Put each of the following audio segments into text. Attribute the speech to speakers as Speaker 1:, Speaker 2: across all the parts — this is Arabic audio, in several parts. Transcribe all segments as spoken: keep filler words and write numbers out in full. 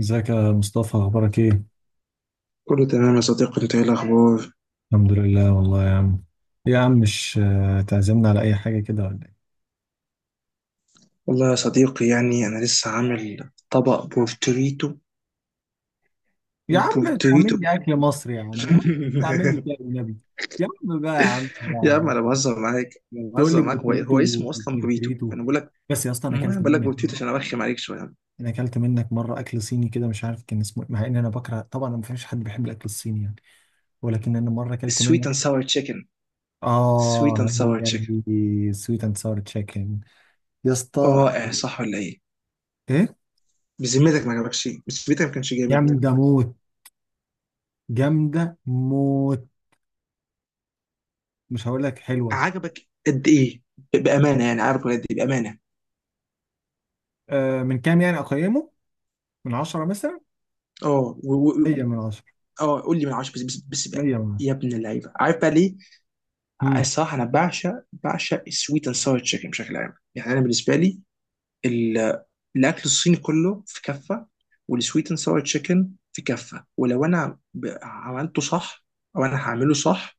Speaker 1: ازيك يا مصطفى اخبارك ايه؟
Speaker 2: كله تمام يا صديقي، انت ايه الاخبار؟
Speaker 1: الحمد لله والله يا عم. يا عم، مش آه، تعزمنا على اي حاجه كده ولا ايه؟
Speaker 2: والله يا صديقي يعني انا لسه عامل طبق بورتريتو.
Speaker 1: يا عم
Speaker 2: بورتريتو.
Speaker 1: تعمل لي اكل مصري يا عم يا عم. تعمل لي كده بالنبي. يا عم بقى يا عم
Speaker 2: يا عم
Speaker 1: بقى.
Speaker 2: انا بهزر معاك، انا
Speaker 1: تقول لي
Speaker 2: بهزر معاك. هو, إيه؟ هو
Speaker 1: بورتريتو
Speaker 2: اسمه اصلا بوريتو
Speaker 1: بورتريتو؟
Speaker 2: انا بقول لك.
Speaker 1: بس يا اسطى انا
Speaker 2: ما انا
Speaker 1: اكلت
Speaker 2: بقول لك
Speaker 1: منك
Speaker 2: بورتريتو
Speaker 1: مره.
Speaker 2: عشان ارخم عليك شويه.
Speaker 1: انا اكلت منك مره اكل صيني كده مش عارف كان اسمه إيه، مع ان انا بكره طبعا، ما فيش حد بيحب الاكل الصيني يعني. ولكن انا مره اكلت
Speaker 2: سويت اند
Speaker 1: منك.
Speaker 2: ساور تشيكن. سويت
Speaker 1: اه
Speaker 2: اند ساور
Speaker 1: هي
Speaker 2: تشيكن.
Speaker 1: دي سويت اند ساور تشيكن. يا اسطى
Speaker 2: رائع صح ولا ايه؟
Speaker 1: ايه؟
Speaker 2: بذمتك ما عجبكش؟ بذمتك ما كانش
Speaker 1: يا
Speaker 2: جامد؟
Speaker 1: عم ده موت. جامدة موت. مش هقول لك حلوة.
Speaker 2: عجبك. قد ايه ب- بامانه؟ يعني عارف قد ايه بامانه؟
Speaker 1: آه من كام يعني أقيمه؟ من عشرة مثلا؟
Speaker 2: اه، و- و-
Speaker 1: مية
Speaker 2: و-
Speaker 1: من عشرة.
Speaker 2: اه قول لي من عشرة. بس بس, بس بقى.
Speaker 1: مية من عشرة.
Speaker 2: يا ابن اللعيبه، عارف بقى ليه؟
Speaker 1: مم.
Speaker 2: الصراحه انا بعشق بعشق السويت اند ساور تشيكن بشكل عام. يعني انا بالنسبه لي ال- الاكل الصيني كله في كفه، والسويت اند ساور تشيكن في كفه. ولو انا ب- عملته صح او انا هعمله صح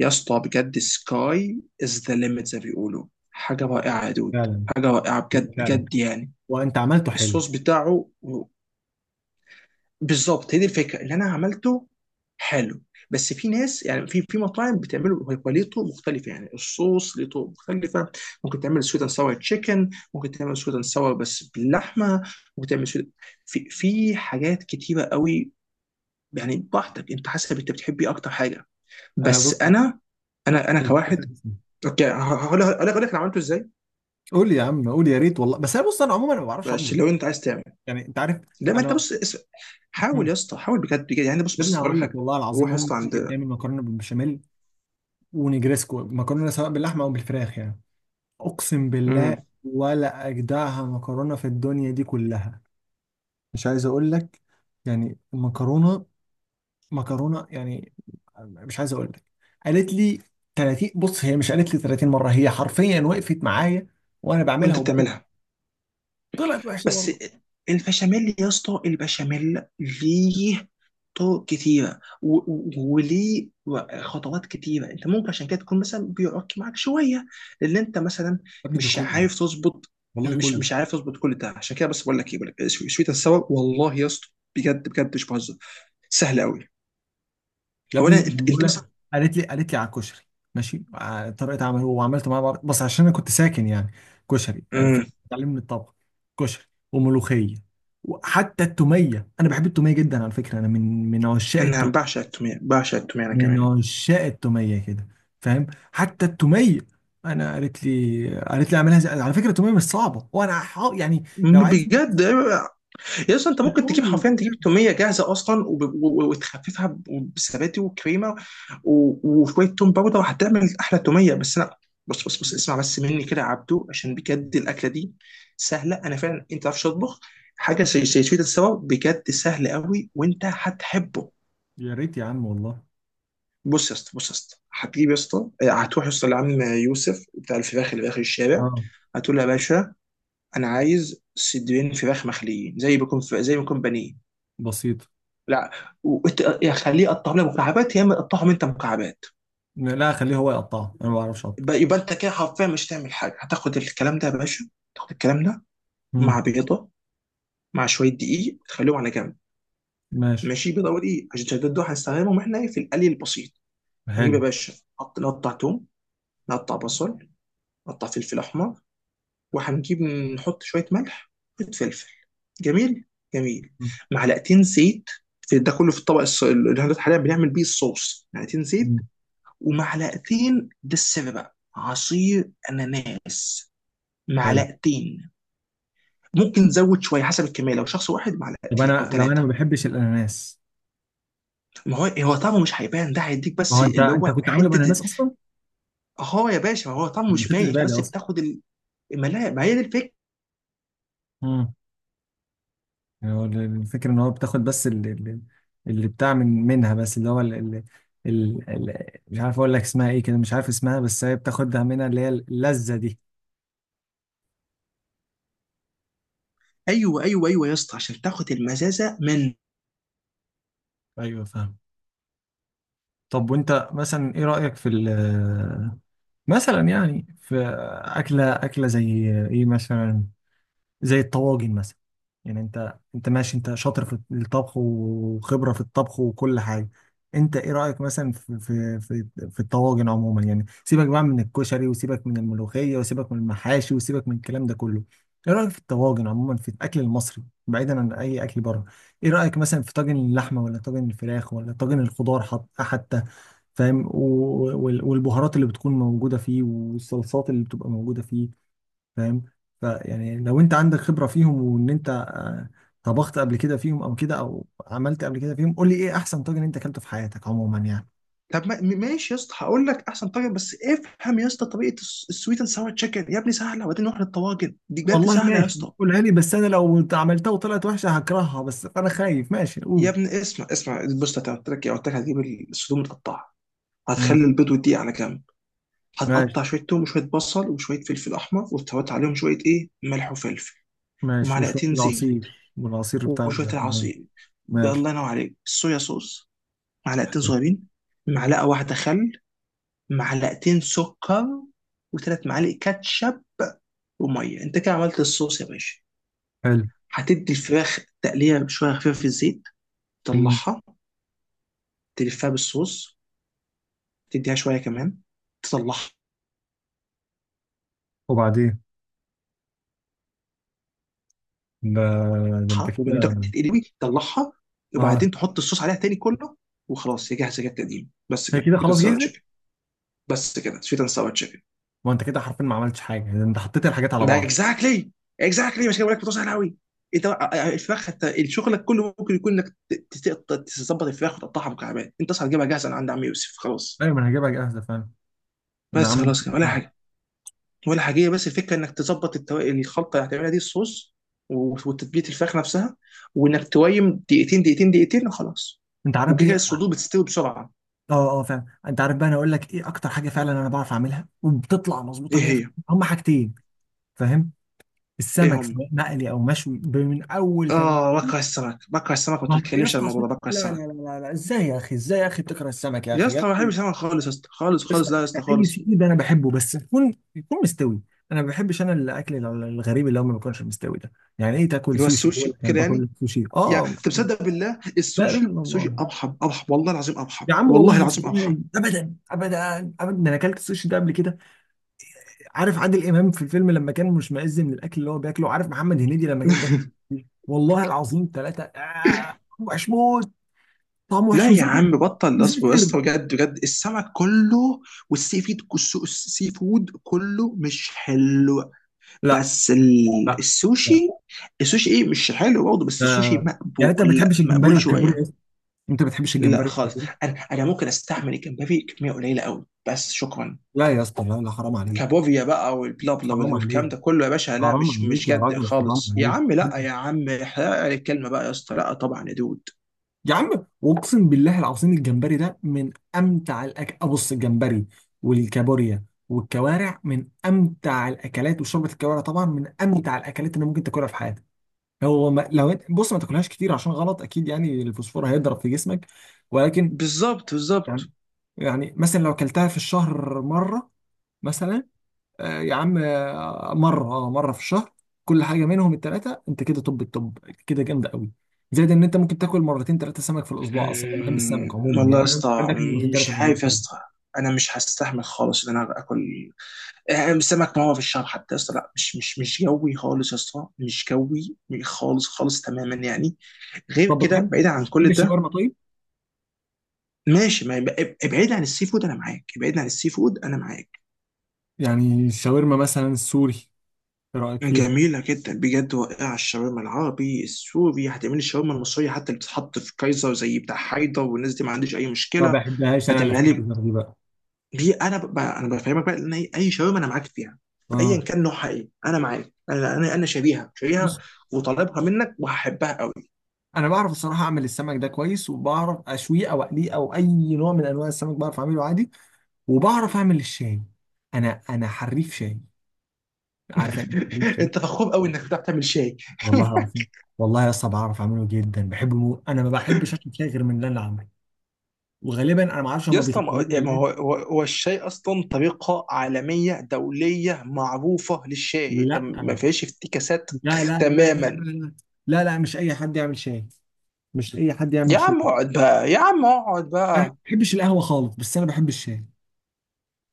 Speaker 2: يا اسطى بجد سكاي از ذا ليميت، زي ما بيقولوا، حاجه رائعه يا دود.
Speaker 1: فعلا.
Speaker 2: حاجه رائعه بجد
Speaker 1: فعلا.
Speaker 2: بجد يعني.
Speaker 1: وأنت عملته حلو.
Speaker 2: الصوص بتاعه بالظبط هي دي الفكره اللي انا عملته. حلو. بس في ناس، يعني في في مطاعم بتعمله، هو هو ليه طرق مختلفه، يعني الصوص ليه طرق مختلفه. ممكن تعمل سويت اند ساور تشيكن، ممكن تعمل سويت اند ساور بس باللحمه، ممكن تعمل سويت. في في حاجات كتيره قوي. يعني براحتك انت، حسب انت بتحب ايه اكتر حاجه.
Speaker 1: أنا
Speaker 2: بس
Speaker 1: بص.
Speaker 2: انا، انا انا كواحد، اوكي، ه- هقول هقول لك هقول لك انا عملته ازاي.
Speaker 1: قول يا عم قول يا ريت والله. بس أنا بص، أنا عموما ما بعرفش
Speaker 2: بس
Speaker 1: أطبخ،
Speaker 2: لو انت عايز تعمل،
Speaker 1: يعني أنت عارف.
Speaker 2: لما انت
Speaker 1: أنا.
Speaker 2: بص، اس- حاول
Speaker 1: مم.
Speaker 2: يا اسطى، حاول بجد بجد يعني. بص
Speaker 1: يا ابني
Speaker 2: بص هقول لك
Speaker 1: هقول لك
Speaker 2: حاجه.
Speaker 1: والله
Speaker 2: روح
Speaker 1: العظيم،
Speaker 2: يا
Speaker 1: أمي
Speaker 2: اسطى.
Speaker 1: أمي بتعمل مكرونة بالبشاميل ونجريسكو، مكرونة سواء باللحمة أو بالفراخ يعني. أقسم بالله
Speaker 2: عند.
Speaker 1: ولا أجدعها مكرونة في الدنيا دي كلها. مش عايز اقول لك يعني المكرونه، مكرونه يعني، مش عايز اقول لك. قالت لي ثلاثين، بص هي مش قالت لي ثلاثين مره، هي حرفيا وقفت معايا وانا بعملها
Speaker 2: وانت
Speaker 1: وبرضه
Speaker 2: بتعملها
Speaker 1: طلعت وحشه
Speaker 2: بس.
Speaker 1: برضه.
Speaker 2: البشاميل يا اسطى، البشاميل ليه طرق كتيرة و- و- وليه خطوات كتيرة. انت ممكن عشان كده تكون مثلا بيعك معاك شوية لان انت مثلا
Speaker 1: يا ابني ده
Speaker 2: مش
Speaker 1: كله،
Speaker 2: عارف تظبط.
Speaker 1: والله
Speaker 2: مش
Speaker 1: كله.
Speaker 2: مش عارف تظبط كل ده. عشان كده بس بقول لك ايه، بقول لك شوية السوا والله يا اسطى. بجد بجد مش بهزر. سهل قوي.
Speaker 1: يا ابني
Speaker 2: اولا انت،
Speaker 1: بقول
Speaker 2: انت مثلا.
Speaker 1: لك، قالت لي قالت لي على الكشري، ماشي على طريقه عمله وعملت معاه بر- بس عشان انا كنت ساكن يعني كشري،
Speaker 2: امم.
Speaker 1: فتعلمني الطبخ. كشري وملوخيه، وحتى التوميه. انا بحب التوميه جدا على فكره، انا من من عشاق،
Speaker 2: انا بعشق التوميه، بعشق التوميه انا
Speaker 1: من
Speaker 2: كمان.
Speaker 1: عشاق التوميه كده، فاهم؟ حتى التوميه انا قالت لي قالت لي اعملها زي... على فكره التوميه مش صعبه، وانا ح- يعني لو عايز.
Speaker 2: بجد. يس انت ممكن تجيب حرفيا، تجيب توميه جاهزه اصلا وب- و- و- وتخففها ب- بزبادي وكريمه و- وشويه توم باودر وهتعمل احلى توميه. بس انا، بص بص بص اسمع بس مني كده يا عبدو، عشان بجد الاكله دي سهله. انا فعلا، انت ما تعرفش تطبخ، حاجه زي زي سويت السوا بجد سهل قوي وانت هتحبه.
Speaker 1: يا ريت يا عم والله.
Speaker 2: بص يا اسطى، بص يا اسطى، هتجيب يا اسطى، اه، هتروح يا اسطى لعم يوسف بتاع الفراخ اللي في اخر الشارع.
Speaker 1: اه
Speaker 2: هتقول له يا باشا انا عايز صدرين فراخ مخليين زي ما يكون، زي ما يكون بانيه.
Speaker 1: بسيط.
Speaker 2: لا. وإت- يا خليه يقطعهم لك مكعبات، يا اما يقطعهم انت مكعبات.
Speaker 1: لا خليه هو يقطعه، انا ما بعرفش اقطع.
Speaker 2: يبقى يبقى انت كده حرفيا مش تعمل حاجه. هتاخد الكلام ده يا باشا. تاخد الكلام ده مع
Speaker 1: مم.
Speaker 2: بيضه، مع شويه دقيق، تخليهم على جنب.
Speaker 1: ماشي.
Speaker 2: ماشي، بيضه ودقيق عشان الشداد دول هنستخدمهم احنا إيه؟ في القلي البسيط. هنجيب يا
Speaker 1: حلو.
Speaker 2: باشا، نقط- نقطع توم، نقطع بصل، نقطع فلفل احمر، وهنجيب نحط شويه ملح، شويه فلفل. جميل جميل. معلقتين زيت، في ده كله في الطبق الص- اللي احنا حاليا بنعمل بيه الصوص. معلقتين زيت،
Speaker 1: مم.
Speaker 2: ومعلقتين، ده السر بقى، عصير اناناس.
Speaker 1: حلو.
Speaker 2: معلقتين. ممكن نزود شويه حسب الكميه، لو شخص واحد
Speaker 1: طب
Speaker 2: معلقتين او
Speaker 1: انا لو انا ما
Speaker 2: ثلاثه.
Speaker 1: بحبش الاناناس؟
Speaker 2: ما هو، هو طعمه مش هيبان، ده هيديك
Speaker 1: ما
Speaker 2: بس
Speaker 1: هو انت
Speaker 2: اللي
Speaker 1: انت
Speaker 2: هو
Speaker 1: كنت عامله
Speaker 2: حته.
Speaker 1: باناناس اصلا،
Speaker 2: اه يا باشا، ما هو طعمه
Speaker 1: ما
Speaker 2: مش
Speaker 1: خدتش
Speaker 2: باين، انت
Speaker 1: بالي
Speaker 2: بس
Speaker 1: اصلا.
Speaker 2: بتاخد ال- ما لا ما هي دي الفكره.
Speaker 1: مم. يعني هو الفكرة ان هو بتاخد بس اللي، اللي بتاع من منها، بس اللي هو اللي، اللي مش عارف اقول لك اسمها ايه كده، مش عارف اسمها، بس هي بتاخدها منها اللي هي اللذة دي.
Speaker 2: ايوه ايوه ايوه يا اسطى عشان تاخد المزازه من.
Speaker 1: ايوه فاهم. طب وانت مثلا ايه رأيك في ال- مثلا يعني في اكلة اكلة زي ايه مثلا، زي الطواجن مثلا؟ يعني انت انت ماشي، انت شاطر في الطبخ وخبرة في الطبخ وكل حاجة. انت ايه رأيك مثلا في في في, في الطواجن عموما؟ يعني سيبك بقى من الكشري وسيبك من الملوخية وسيبك من المحاشي وسيبك من الكلام ده كله. ايه رأيك في الطواجن عموما، في الاكل المصري بعيدا عن اي اكل بره؟ ايه رأيك مثلا في طاجن اللحمة ولا طاجن الفراخ ولا طاجن الخضار؟ حط حتى، فاهم؟ و- وال- والبهارات اللي بتكون موجودة فيه، والصلصات اللي بتبقى موجودة فيه، فاهم؟ فيعني لو انت عندك خبرة فيهم وان انت آه، طبخت قبل كده فيهم، او كده، او عملت قبل كده فيهم، قول لي ايه احسن طاجن انت اكلته في حياتك عموما يعني.
Speaker 2: طب ما- م- ماشي يا اسطى، هقول لك احسن طريقه بس افهم يا اسطى طريقه السويت اند ساور تشيكن يا ابني سهله، وبعدين نروح للطواجن. دي بجد
Speaker 1: والله
Speaker 2: سهله يا
Speaker 1: ماشي،
Speaker 2: اسطى.
Speaker 1: قولها لي، بس انا لو عملتها وطلعت وحشة هكرهها، بس انا خايف. ماشي
Speaker 2: يا
Speaker 1: قول.
Speaker 2: ابني اسمع اسمع، بص انا قلت لك إيه؟ قلت لك هتجيب الصدور متقطعه،
Speaker 1: مم.
Speaker 2: هتخلي البيض والدقيق على جنب.
Speaker 1: ماشي.
Speaker 2: هتقطع شويه توم وشويه بصل وشويه فلفل احمر، وتحط عليهم شويه، ايه، ملح وفلفل
Speaker 1: ماشي وشوية
Speaker 2: ومعلقتين زيت
Speaker 1: العصير، والعصير بتاع
Speaker 2: وشويه
Speaker 1: ال-
Speaker 2: العصير.
Speaker 1: ماشي.
Speaker 2: الله ينور عليك، صويا صوص معلقتين صغيرين، معلقه واحده خل، معلقتين سكر، وثلاث معالق كاتشب، وميه. انت كده عملت الصوص يا باشا.
Speaker 1: حلو.
Speaker 2: هتدي الفراخ تقليه شويه خفيفه في الزيت،
Speaker 1: مم.
Speaker 2: تطلعها، تلفها بالصوص، تديها شويه كمان، تصلحها.
Speaker 1: وبعدين، ده, ده انت
Speaker 2: من ده
Speaker 1: كده.
Speaker 2: تتقلي قوي، تطلعها، وبعدين
Speaker 1: اه
Speaker 2: تحط الصوص عليها تاني كله. وخلاص هي جاهزه جت تقديم. بس
Speaker 1: هي
Speaker 2: كده
Speaker 1: كده
Speaker 2: سويت اند
Speaker 1: خلاص
Speaker 2: ساور
Speaker 1: جاهزة.
Speaker 2: تشيكن. بس كده سويت اند ساور تشيكن.
Speaker 1: ما انت كده حرفيا ما عملتش حاجة، ده انت حطيت الحاجات على
Speaker 2: ما
Speaker 1: بعض.
Speaker 2: اكزاكتلي. اكزاكتلي مش كده، بقول لك بتوصل قوي. انت الفراخ انت شغلك كله ممكن يكون انك ت- ت- تظبط الفراخ وتقطعها مكعبات. انت اصلا هتجيبها جاهزه من عند عم يوسف، خلاص.
Speaker 1: ايوه ما انا هجيبها جاهزة فعلا. انا
Speaker 2: بس
Speaker 1: عامل.
Speaker 2: خلاص كده ولا حاجه. ولا حاجه. بس الفكره انك تظبط التو... يعني الخلطه اللي هتعملها دي، الصوص و- وتتبيله الفراخ نفسها. وانك تويم دقيقتين دقيقتين دقيقتين وخلاص.
Speaker 1: انت عارف
Speaker 2: وكده كده
Speaker 1: ايه؟
Speaker 2: الصدور بتستوي بسرعه.
Speaker 1: اه اه فعلا، انت عارف بقى، انا اقول لك ايه اكتر حاجه فعلا انا بعرف اعملها وبتطلع
Speaker 2: ايه
Speaker 1: مظبوطه
Speaker 2: هي؟
Speaker 1: مية في المية؟ هم حاجتين، فاهم؟
Speaker 2: ايه
Speaker 1: السمك
Speaker 2: هم؟
Speaker 1: سواء مقلي او مشوي، ب- من اول تج...
Speaker 2: اه بكره السمك، بكره السمك، ما
Speaker 1: ما- يا
Speaker 2: تتكلمش عن
Speaker 1: اسطى عشان-
Speaker 2: الموضوع ده، بكره
Speaker 1: لا لا
Speaker 2: السمك.
Speaker 1: لا لا لا ازاي يا اخي؟ ازاي يا اخي بتكره السمك يا
Speaker 2: يا
Speaker 1: اخي يا
Speaker 2: اسطى ما بحبش
Speaker 1: اخي؟
Speaker 2: السمك خالص يا اسطى، خالص
Speaker 1: بس
Speaker 2: خالص، لا يا اسطى
Speaker 1: اي
Speaker 2: خالص.
Speaker 1: سي فود انا بحبه، بس يكون يكون مستوي. انا ما بحبش انا الاكل ال- الغريب اللي هو ما بيكونش مستوي ده. يعني ايه تاكل
Speaker 2: اللي هو
Speaker 1: سوشي؟
Speaker 2: السوشي
Speaker 1: بقول لك انا
Speaker 2: كده يعني.
Speaker 1: باكل سوشي؟
Speaker 2: يعني
Speaker 1: اه
Speaker 2: انت
Speaker 1: لا.
Speaker 2: مصدق بالله،
Speaker 1: لا لا
Speaker 2: السوشي، السوشي
Speaker 1: الله.
Speaker 2: ارحم، ارحم والله العظيم، ارحم
Speaker 1: يا عم
Speaker 2: والله
Speaker 1: والله
Speaker 2: العظيم ارحم.
Speaker 1: ازاي، ابدا ابدا ابدا، انا اكلت السوشي ده قبل كده. عارف عادل امام في الفيلم لما كان مشمئز من الاكل اللي هو بياكله؟ عارف محمد هنيدي لما كان بياكل؟ والله العظيم ثلاثه آه وحش موت، طعم وحش
Speaker 2: لا يا
Speaker 1: وزفر.
Speaker 2: عم بطل نصب يا
Speaker 1: وزفر.
Speaker 2: اسطى، بجد بجد السمك كله والسي فود، السي فود كله مش حلو.
Speaker 1: لا
Speaker 2: بس ال-
Speaker 1: لا لا.
Speaker 2: السوشي، السوشي ايه مش حلو برضه، بس السوشي
Speaker 1: آه. يعني انت ما
Speaker 2: مقبول،
Speaker 1: بتحبش الجمبري
Speaker 2: مقبول
Speaker 1: والكابوري يا
Speaker 2: شويه.
Speaker 1: اسطى؟ انت ما بتحبش
Speaker 2: لا
Speaker 1: الجمبري
Speaker 2: خالص.
Speaker 1: والكابوري؟
Speaker 2: انا، انا ممكن استحمل الجمبري كميه قليله قوي بس، شكرا.
Speaker 1: لا يا اسطى لا لا، حرام عليك.
Speaker 2: كابوريا بقى والبلا بلا
Speaker 1: حرام
Speaker 2: والكلام
Speaker 1: عليك،
Speaker 2: ده كله يا باشا، لا
Speaker 1: حرام
Speaker 2: مش مش
Speaker 1: عليك يا
Speaker 2: جد
Speaker 1: راجل، حرام
Speaker 2: خالص يا
Speaker 1: عليك.
Speaker 2: عم، لا يا عم احرق الكلمه بقى يا اسطى، لا طبعا يا دود.
Speaker 1: يا عم واقسم بالله العظيم، الجمبري ده من امتع الاكل. ابص، الجمبري والكابوريا والكوارع من امتع الاكلات، وشوربه الكوارع طبعا من امتع الاكلات اللي ممكن تاكلها في حياتك. هو ما لو إنت- بص ما تاكلهاش كتير عشان غلط اكيد يعني الفوسفور هيضرب في جسمك، ولكن
Speaker 2: بالظبط
Speaker 1: يعني،
Speaker 2: بالظبط.
Speaker 1: يعني مثلا لو اكلتها في الشهر مره مثلا، آه، يا عم، آه، مرة، اه مرة في الشهر، كل حاجة منهم التلاتة، انت كده طب الطب كده جامدة قوي. زائد ان انت ممكن تاكل مرتين تلاتة سمك في الاسبوع، اصلا انا بحب السمك
Speaker 2: مم،
Speaker 1: عموما
Speaker 2: والله يا
Speaker 1: يعني،
Speaker 2: اسطى
Speaker 1: عندك مرتين
Speaker 2: مش
Speaker 1: تلاتة في
Speaker 2: عارف يا
Speaker 1: الاسبوع.
Speaker 2: اسطى، انا مش هستحمل خالص ان انا اكل، آه، سمك. ما هو في الشهر حتى يا اسطى لا، مش مش مش جوي خالص يا اسطى، مش جوي خالص خالص تماما يعني. غير
Speaker 1: طب
Speaker 2: كده،
Speaker 1: بتحب،
Speaker 2: بعيدا عن كل
Speaker 1: بتحب
Speaker 2: ده.
Speaker 1: الشاورما طيب؟
Speaker 2: ماشي، ما يبقى- ابعد عن السي فود انا معاك، ابعد عن السي فود انا معاك.
Speaker 1: يعني الشاورما مثلا السوري، ايه رأيك فيه؟
Speaker 2: جميلة جدا بجد واقعة الشاورما العربي السوري. هتعمل لي الشاورما المصرية حتى، اللي بتتحط في كايزر زي بتاع حيدر والناس دي، ما عنديش أي
Speaker 1: ما
Speaker 2: مشكلة.
Speaker 1: بحبهاش انا اللي في
Speaker 2: هتعملها لي
Speaker 1: فايزر دي بقى.
Speaker 2: دي، انا ب... ب- انا بفهمك بقى ان اي، أي شاورما انا معاك فيها. ايا
Speaker 1: اه
Speaker 2: كان نوعها ايه انا معاك، انا انا انا شاريها، شاريها
Speaker 1: بص،
Speaker 2: وطالبها منك وهحبها قوي.
Speaker 1: انا بعرف الصراحه اعمل السمك ده كويس، وبعرف اشويه او اقليه او اي نوع من انواع السمك بعرف اعمله عادي. وبعرف اعمل الشاي. انا انا حريف شاي. عارف يعني إيه حريف شاي؟
Speaker 2: انت فخور قوي انك بتعرف تعمل شاي.
Speaker 1: والله العظيم. والله يا اسطى بعرف اعمله جدا، بحبه مو... انا ما بحبش اكل فيها غير من اللي انا عامله، وغالبا انا ما اعرفش
Speaker 2: يا
Speaker 1: هم
Speaker 2: اسطى
Speaker 1: بيطبلوه
Speaker 2: ما يعني ما
Speaker 1: ولا
Speaker 2: هو
Speaker 1: ايه.
Speaker 2: هو هو الشاي اصلا طريقه عالميه دوليه معروفه للشاي، انت
Speaker 1: لا
Speaker 2: ما فيهاش افتكاسات.
Speaker 1: لا لا لا لا
Speaker 2: تماما.
Speaker 1: لا لا لا، مش اي حد يعمل شاي. مش اي حد
Speaker 2: يا
Speaker 1: يعمل شاي.
Speaker 2: عم اقعد بقى يا عم اقعد بقى.
Speaker 1: انا ما بحبش القهوه خالص، بس انا بحب الشاي.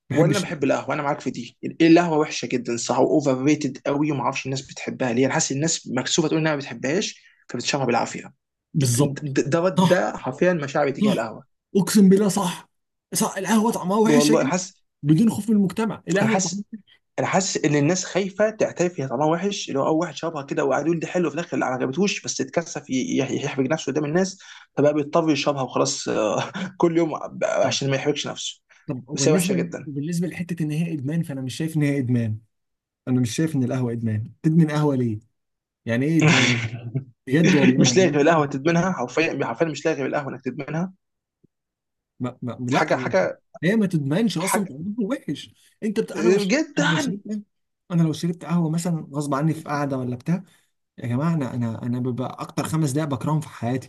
Speaker 1: بحب
Speaker 2: وانا
Speaker 1: الشاي.
Speaker 2: بحب القهوه، انا معاك في دي، القهوه وحشه جدا صح، واوفر ريتد قوي، وما اعرفش الناس بتحبها ليه. انا حاسس الناس مكسوفه تقول انها ما بتحبهاش فبتشربها بالعافيه.
Speaker 1: بالظبط.
Speaker 2: ده ده
Speaker 1: صح.
Speaker 2: ده حرفيا مشاعري تجاه
Speaker 1: صح.
Speaker 2: القهوه.
Speaker 1: اقسم بالله صح. صح، القهوه طعمها وحش يا
Speaker 2: والله انا
Speaker 1: جدع.
Speaker 2: حاسس.
Speaker 1: بدون خوف من المجتمع،
Speaker 2: انا
Speaker 1: القهوه طعمها
Speaker 2: حاسس
Speaker 1: وحش.
Speaker 2: انا حاسس ان الناس خايفه تعترف هي طعمها وحش. اللي هو اول واحد شربها كده وقعد يقول دي حلو، في الاخر لا، ما عجبتهوش، بس اتكسف ي- ي- يحرج نفسه قدام الناس، فبقى بيضطر يشربها وخلاص، آه. كل يوم
Speaker 1: طب،
Speaker 2: عشان ما يحرجش نفسه.
Speaker 1: طب
Speaker 2: بس هي وحشه
Speaker 1: وبالنسبه،
Speaker 2: جدا.
Speaker 1: وبالنسبه لحته ان هي ادمان، فانا مش شايف ان هي ادمان. انا مش شايف ان القهوه ادمان. تدمن قهوه ليه؟ يعني ايه ادمان؟ بجد والله
Speaker 2: مش لاغي
Speaker 1: يعني
Speaker 2: بالقهوه
Speaker 1: انت.
Speaker 2: تدمنها، حرفيا حرفيا مش لاغي بالقهوه انك تدمنها.
Speaker 1: ما ما
Speaker 2: حاجه
Speaker 1: لا مش-
Speaker 2: حاجه
Speaker 1: هي ما تدمنش اصلا،
Speaker 2: حاجه
Speaker 1: تقليده وحش. انت بت... انا بش... انا لو
Speaker 2: جدا.
Speaker 1: شربت، انا لو شربت قهوه مثلا غصب عني في قعده ولا بتاع، يا جماعه انا انا انا ببقى اكتر خمس دقائق بكرههم في حياتي،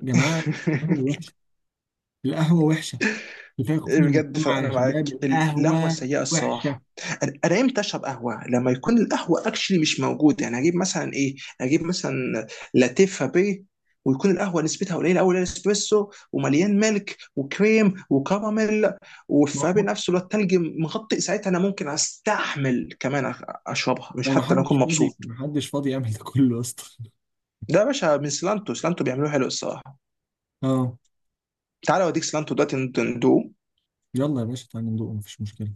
Speaker 1: يا جماعه. القهوه وحشه. القهوه وحشه. كفايه خوف
Speaker 2: إيه
Speaker 1: من
Speaker 2: بجد،
Speaker 1: المجتمع يا
Speaker 2: فانا معاك،
Speaker 1: شباب،
Speaker 2: ال- القهوه
Speaker 1: القهوه
Speaker 2: السيئه
Speaker 1: وحشه.
Speaker 2: الصراحه. انا، أنا امتى اشرب قهوه؟ لما يكون القهوه اكشلي مش موجود، يعني هجيب مثلا ايه، هجيب مثلا لاتيه فابيه، ويكون القهوه نسبتها قليله قوي، الاسبريسو، ومليان ملك وكريم وكراميل،
Speaker 1: ما
Speaker 2: والفابي
Speaker 1: هو
Speaker 2: نفسه اللي هو التلج مغطي، ساعتها انا ممكن استحمل كمان أخ- اشربها. مش
Speaker 1: هو، ما
Speaker 2: حتى لو
Speaker 1: حدش
Speaker 2: اكون
Speaker 1: فاضي،
Speaker 2: مبسوط.
Speaker 1: ما حدش فاضي يعمل ده كله اصلا.
Speaker 2: ده يا باشا من سلانتو، سلانتو بيعملوه حلو الصراحه.
Speaker 1: اه.
Speaker 2: تعالى اوديك سلانتو دلوقتي ندوه.
Speaker 1: يلا يا باشا تعالى ندوق، مفيش مشكله.